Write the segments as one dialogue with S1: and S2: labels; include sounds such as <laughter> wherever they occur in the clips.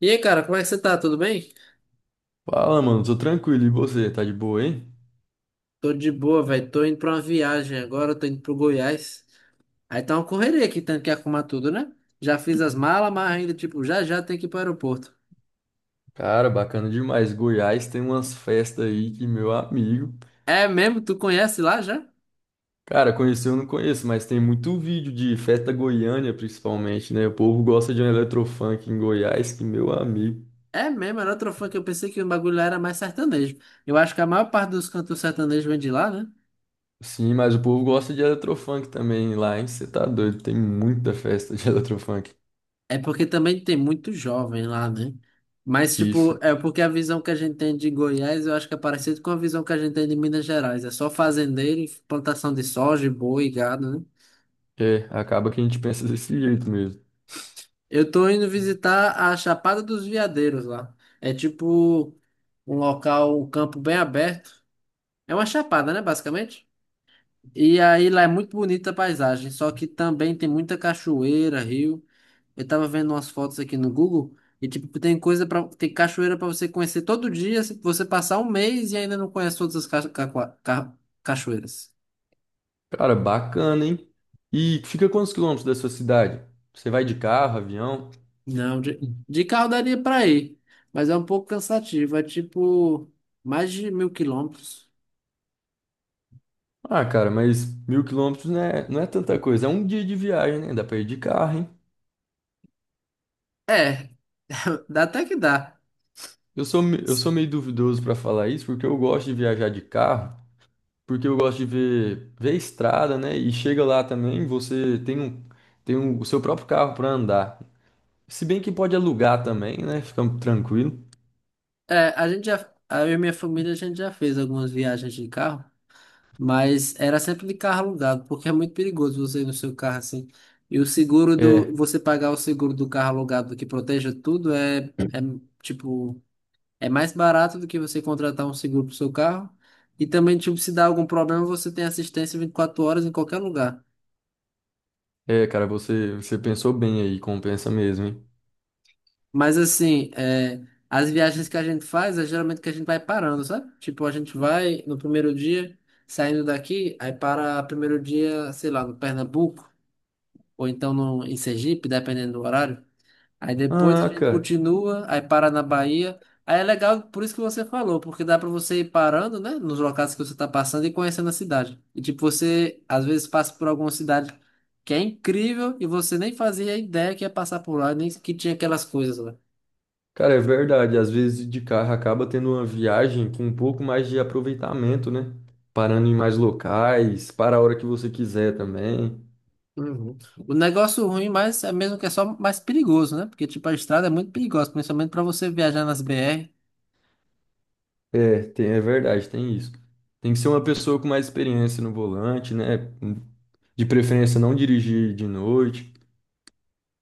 S1: E aí, cara, como é que você tá? Tudo bem?
S2: Fala, mano, tô tranquilo. E você, tá de boa, hein?
S1: Tô de boa, velho. Tô indo pra uma viagem agora, tô indo pro Goiás. Aí tá uma correria aqui, tendo que arrumar tudo, né? Já fiz as malas, mas ainda, tipo, já já tem que ir pro aeroporto.
S2: Cara, bacana demais. Goiás tem umas festas aí que meu amigo.
S1: É mesmo? Tu conhece lá já?
S2: Cara, conhecer eu não conheço, mas tem muito vídeo de festa Goiânia, principalmente, né? O povo gosta de um eletrofunk em Goiás, que meu amigo.
S1: É mesmo, era outro fã que eu pensei que o bagulho lá era mais sertanejo. Eu acho que a maior parte dos cantos sertanejos vem de lá, né?
S2: Sim, mas o povo gosta de eletrofunk também lá, hein? Você tá doido, tem muita festa de <laughs> eletrofunk.
S1: É porque também tem muito jovem lá, né? Mas,
S2: Isso,
S1: tipo, é porque a visão que a gente tem de Goiás, eu acho que é parecido com a visão que a gente tem de Minas Gerais. É só fazendeiro, e plantação de soja, boi, gado, né?
S2: é, acaba que a gente pensa desse jeito mesmo.
S1: Eu tô indo visitar a Chapada dos Veadeiros lá. É tipo um local, um campo bem aberto. É uma chapada, né, basicamente? E aí lá é muito bonita a paisagem, só que também tem muita cachoeira, rio. Eu tava vendo umas fotos aqui no Google e tipo tem coisa para tem cachoeira pra você conhecer todo dia, se você passar um mês e ainda não conhece todas as cachoeiras.
S2: Cara, bacana, hein? E fica quantos quilômetros da sua cidade? Você vai de carro, avião?
S1: Não, de carro daria pra ir, mas é um pouco cansativo, é tipo mais de 1.000 quilômetros.
S2: Ah, cara, mas 1.000 quilômetros não é tanta coisa. É um dia de viagem, né? Dá pra ir de carro, hein?
S1: É, dá até que dá.
S2: Eu sou meio duvidoso pra falar isso, porque eu gosto de viajar de carro, porque eu gosto de ver a estrada, né? E chega lá também, você tem um- o seu próprio carro pra andar. Se bem que pode alugar também, né? Fica tranquilo.
S1: É, a gente já, eu e minha família, a gente já fez algumas viagens de carro, mas era sempre de carro alugado, porque é muito perigoso você ir no seu carro assim. E o seguro do,
S2: É,
S1: você pagar o seguro do carro alugado que proteja tudo é tipo, é mais barato do que você contratar um seguro pro seu carro. E também, tipo, se dá algum problema, você tem assistência 24 horas em qualquer lugar.
S2: cara, você pensou bem aí, compensa mesmo, hein?
S1: Mas assim, é, as viagens que a gente faz é geralmente que a gente vai parando, sabe? Tipo, a gente vai no primeiro dia, saindo daqui, aí para primeiro dia, sei lá, no Pernambuco, ou então no, em Sergipe, dependendo do horário. Aí depois a
S2: Ah,
S1: gente
S2: cara.
S1: continua, aí para na Bahia. Aí é legal, por isso que você falou, porque dá para você ir parando, né, nos locais que você tá passando e conhecendo a cidade. E tipo, você às vezes passa por alguma cidade que é incrível e você nem fazia ideia que ia passar por lá, nem que tinha aquelas coisas lá.
S2: Cara, é verdade. Às vezes de carro acaba tendo uma viagem com um pouco mais de aproveitamento, né? Parando em mais locais, para a hora que você quiser também.
S1: Uhum. O negócio ruim, mas é mesmo que é só mais perigoso, né? Porque, tipo, a estrada é muito perigosa, principalmente pra você viajar nas BR.
S2: É, tem, é verdade, tem isso. Tem que ser uma pessoa com mais experiência no volante, né? De preferência, não dirigir de noite.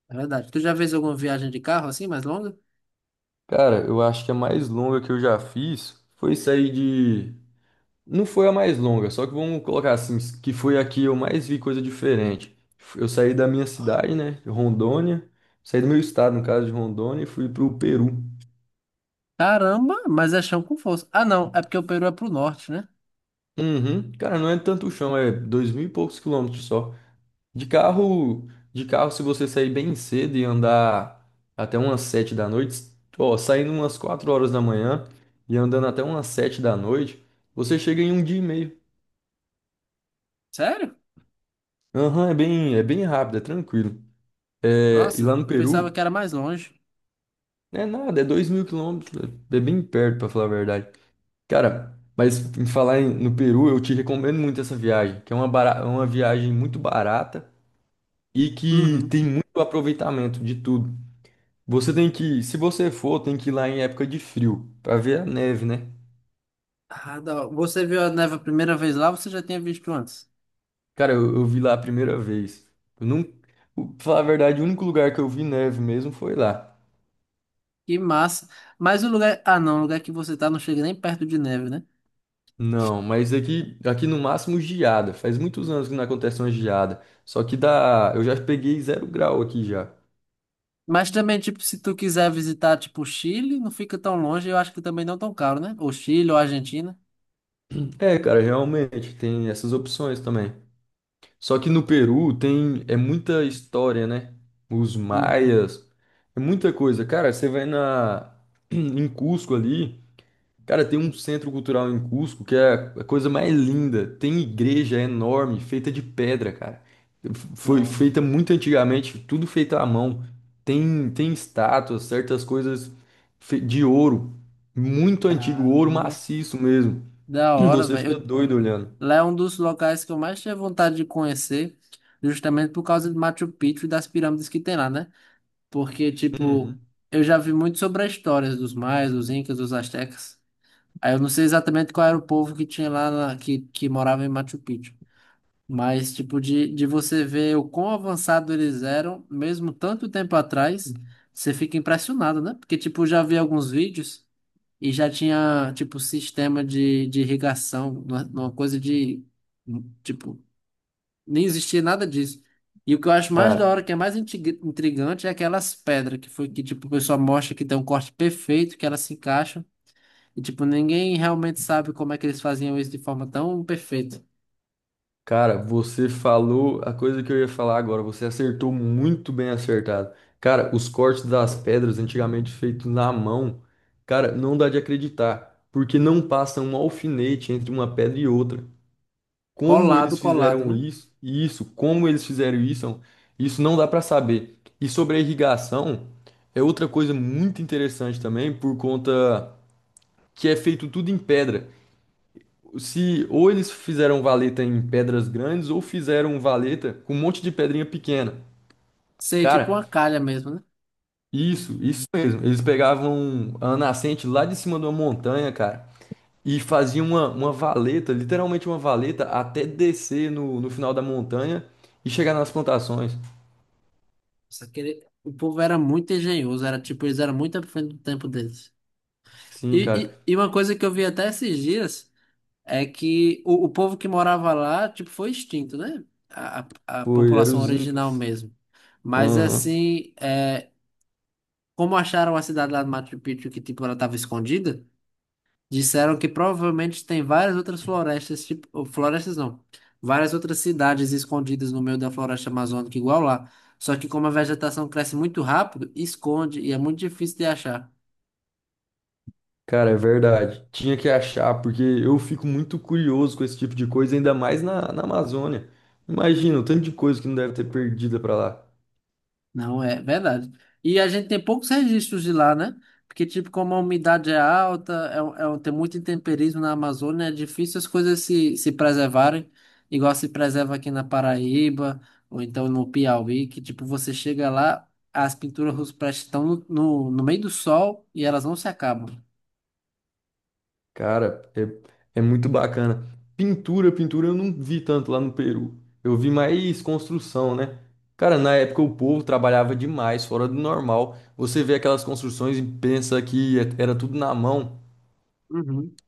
S1: É verdade. Tu já fez alguma viagem de carro assim, mais longa?
S2: Cara, eu acho que a mais longa que eu já fiz foi sair de não foi a mais longa, só que vamos colocar assim, que foi a que eu mais vi coisa diferente. Eu saí da minha cidade, né, de Rondônia, saí do meu estado, no caso de Rondônia, e fui pro Peru.
S1: Caramba, mas é chão com força. Ah, não, é porque o Peru é pro norte, né?
S2: Uhum. Cara, não é tanto o chão, é 2.000 e poucos quilômetros só. De carro, de carro, se você sair bem cedo e andar até umas 7 da noite, ó, saindo umas 4 horas da manhã e andando até umas 7 da noite, você chega em um dia e meio.
S1: Sério?
S2: Aham, é bem rápido, é tranquilo. É, e
S1: Nossa,
S2: lá no
S1: eu pensava que
S2: Peru
S1: era mais longe.
S2: É nada, é 2.000 quilômetros, é bem perto, pra falar a verdade. Cara, mas no Peru, eu te recomendo muito essa viagem, que é uma viagem muito barata e que
S1: Uhum.
S2: tem muito aproveitamento de tudo. Você tem que, se você for, tem que ir lá em época de frio, pra ver a neve, né?
S1: Ah, da hora. Você viu a neve a primeira vez lá, você já tinha visto antes.
S2: Cara, eu vi lá a primeira vez. Eu não, o- Pra falar a verdade, o único lugar que eu vi neve mesmo foi lá.
S1: Que massa. Mas o lugar. Ah, não, o lugar que você tá não chega nem perto de neve, né?
S2: Não, mas aqui no máximo geada. Faz muitos anos que não acontece uma geada. Só que dá, eu já peguei 0 grau aqui já.
S1: Mas também, tipo, se tu quiser visitar, tipo, o Chile, não fica tão longe, eu acho que também não tão caro, né? Ou Chile, ou Argentina.
S2: É, cara, realmente tem essas opções também. Só que no Peru tem é muita história, né? Os
S1: Uhum.
S2: maias, é muita coisa. Cara, você vai na <clears throat> em Cusco ali. Cara, tem um centro cultural em Cusco que é a coisa mais linda. Tem igreja enorme, feita de pedra, cara. Foi
S1: Nossa,
S2: feita muito antigamente, tudo feito à mão. Tem estátuas, certas coisas de ouro, muito antigo, ouro
S1: caramba.
S2: maciço mesmo.
S1: Da
S2: <clears throat>
S1: hora,
S2: Você
S1: velho.
S2: fica doido olhando.
S1: Lá é um dos locais que eu mais tinha vontade de conhecer, justamente por causa de Machu Picchu e das pirâmides que tem lá, né? Porque, tipo,
S2: Uhum.
S1: eu já vi muito sobre a história dos maias, dos incas, dos astecas. Aí eu não sei exatamente qual era o povo que tinha lá, que morava em Machu Picchu. Mas, tipo, de você ver o quão avançado eles eram, mesmo tanto tempo atrás, você fica impressionado, né? Porque, tipo, já vi alguns vídeos e já tinha, tipo, sistema de irrigação, uma coisa de, tipo, nem existia nada disso. E o que eu acho mais da hora,
S2: Cara,
S1: que é mais intrigante, é aquelas pedras que, tipo, o pessoal mostra que tem um corte perfeito, que elas se encaixam. E, tipo, ninguém realmente sabe como é que eles faziam isso de forma tão perfeita.
S2: Cara, você falou a coisa que eu ia falar agora. Você acertou muito bem acertado. Cara, os cortes das pedras antigamente feitos na mão, cara, não dá de acreditar, porque não passa um alfinete entre uma pedra e outra. Como
S1: Colado,
S2: eles
S1: colado,
S2: fizeram
S1: né?
S2: isso? Isso, como eles fizeram isso? Isso não dá pra saber. E sobre a irrigação, é outra coisa muito interessante também, por conta que é feito tudo em pedra. Se ou eles fizeram valeta em pedras grandes ou fizeram valeta com um monte de pedrinha pequena.
S1: Sei, tipo
S2: Cara,
S1: uma calha mesmo, né?
S2: isso mesmo. Eles pegavam a nascente lá de cima de uma montanha, cara, e faziam uma valeta, literalmente uma valeta, até descer no final da montanha e chegar nas plantações.
S1: Só que o povo era muito engenhoso, era tipo, eles eram muito à frente do tempo deles.
S2: Sim, cara.
S1: E uma coisa que eu vi até esses dias é que o povo que morava lá, tipo, foi extinto, né? A, a
S2: Foi, eram
S1: população
S2: os
S1: original
S2: Incas.
S1: mesmo. Mas
S2: Aham.
S1: assim, é, como acharam a cidade lá do Machu Picchu que, tipo, ela estava escondida. Disseram que provavelmente tem várias outras florestas, tipo, ou florestas não, várias outras cidades escondidas no meio da floresta amazônica, igual lá. Só que como a vegetação cresce muito rápido, esconde e é muito difícil de achar.
S2: Cara, é verdade. Tinha que achar, porque eu fico muito curioso com esse tipo de coisa, ainda mais na Amazônia. Imagina o tanto de coisa que não deve ter perdida pra lá.
S1: Não, é verdade. E a gente tem poucos registros de lá, né? Porque, tipo, como a umidade é alta, tem muito intemperismo na Amazônia, é difícil as coisas se preservarem, igual se preserva aqui na Paraíba, ou então no Piauí, que, tipo, você chega lá, as pinturas rupestres estão no meio do sol e elas não se acabam.
S2: Cara, é muito bacana. Pintura eu não vi tanto lá no Peru. Eu vi mais construção, né? Cara, na época o povo trabalhava demais, fora do normal. Você vê aquelas construções e pensa era tudo na mão.
S1: Uhum.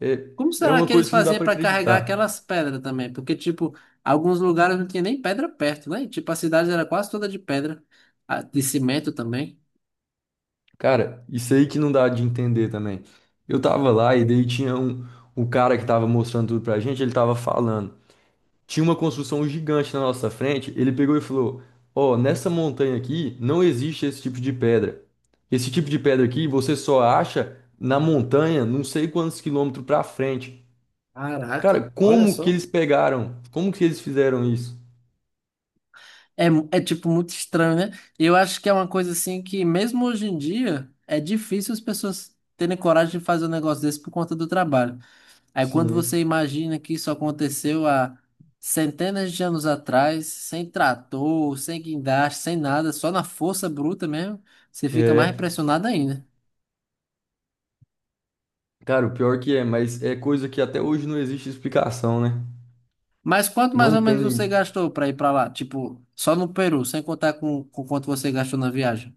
S2: É,
S1: Como
S2: é
S1: será
S2: uma
S1: que eles
S2: coisa que não dá
S1: faziam
S2: pra
S1: para carregar
S2: acreditar.
S1: aquelas pedras também? Porque, tipo, alguns lugares não tinha nem pedra perto, né? Tipo, a cidade era quase toda de pedra, ah, de cimento também.
S2: Cara, isso aí que não dá de entender também. Eu tava lá e daí o cara que tava mostrando tudo pra gente, ele tava falando. Tinha uma construção gigante na nossa frente, ele pegou e falou: Ó, nessa montanha aqui não existe esse tipo de pedra. Esse tipo de pedra aqui você só acha na montanha, não sei quantos quilômetros pra frente.
S1: Caraca,
S2: Cara,
S1: olha
S2: como que
S1: só.
S2: eles pegaram? Como que eles fizeram isso?
S1: É, tipo, muito estranho, né? E eu acho que é uma coisa assim que, mesmo hoje em dia, é difícil as pessoas terem coragem de fazer um negócio desse por conta do trabalho. Aí quando você
S2: Sim.
S1: imagina que isso aconteceu há centenas de anos atrás, sem trator, sem guindaste, sem nada, só na força bruta mesmo, você fica mais
S2: É.
S1: impressionado ainda.
S2: Cara, o pior que é, mas é coisa que até hoje não existe explicação, né?
S1: Mas quanto mais
S2: Não
S1: ou
S2: tem,
S1: menos você
S2: nin-
S1: gastou para ir para lá? Tipo, só no Peru, sem contar com quanto você gastou na viagem.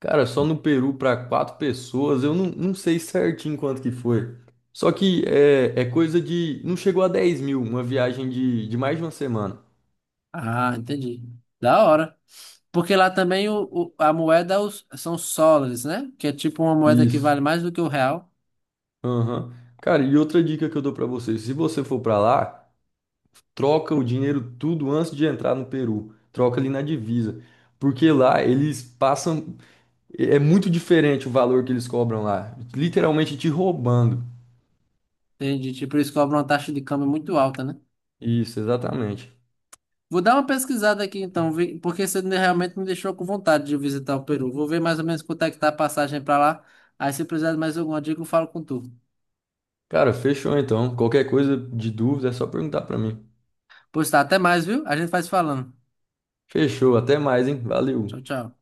S2: Cara, só no Peru para quatro pessoas, eu não sei certinho quanto que foi. Só que é coisa de. Não chegou a 10.000, uma viagem de mais de uma semana.
S1: Ah, entendi. Da hora. Porque lá também a moeda são os soles, né? Que é tipo uma moeda que
S2: Isso.
S1: vale mais do que o real.
S2: Aham. Cara, e outra dica que eu dou para você: se você for para lá, troca o dinheiro tudo antes de entrar no Peru. Troca ali na divisa. Porque lá eles passam. É muito diferente o valor que eles cobram lá. Literalmente te roubando.
S1: Entendi. Tipo, eles cobram uma taxa de câmbio muito alta, né?
S2: Isso, exatamente.
S1: Vou dar uma pesquisada aqui então, porque você realmente me deixou com vontade de visitar o Peru. Vou ver mais ou menos quanto é que tá a passagem pra lá. Aí se precisar de mais alguma dica, eu falo com tu.
S2: Cara, fechou então. Qualquer coisa de dúvida é só perguntar para mim.
S1: Pois tá, até mais, viu? A gente vai se falando.
S2: Fechou, até mais, hein? Valeu.
S1: Tchau, tchau.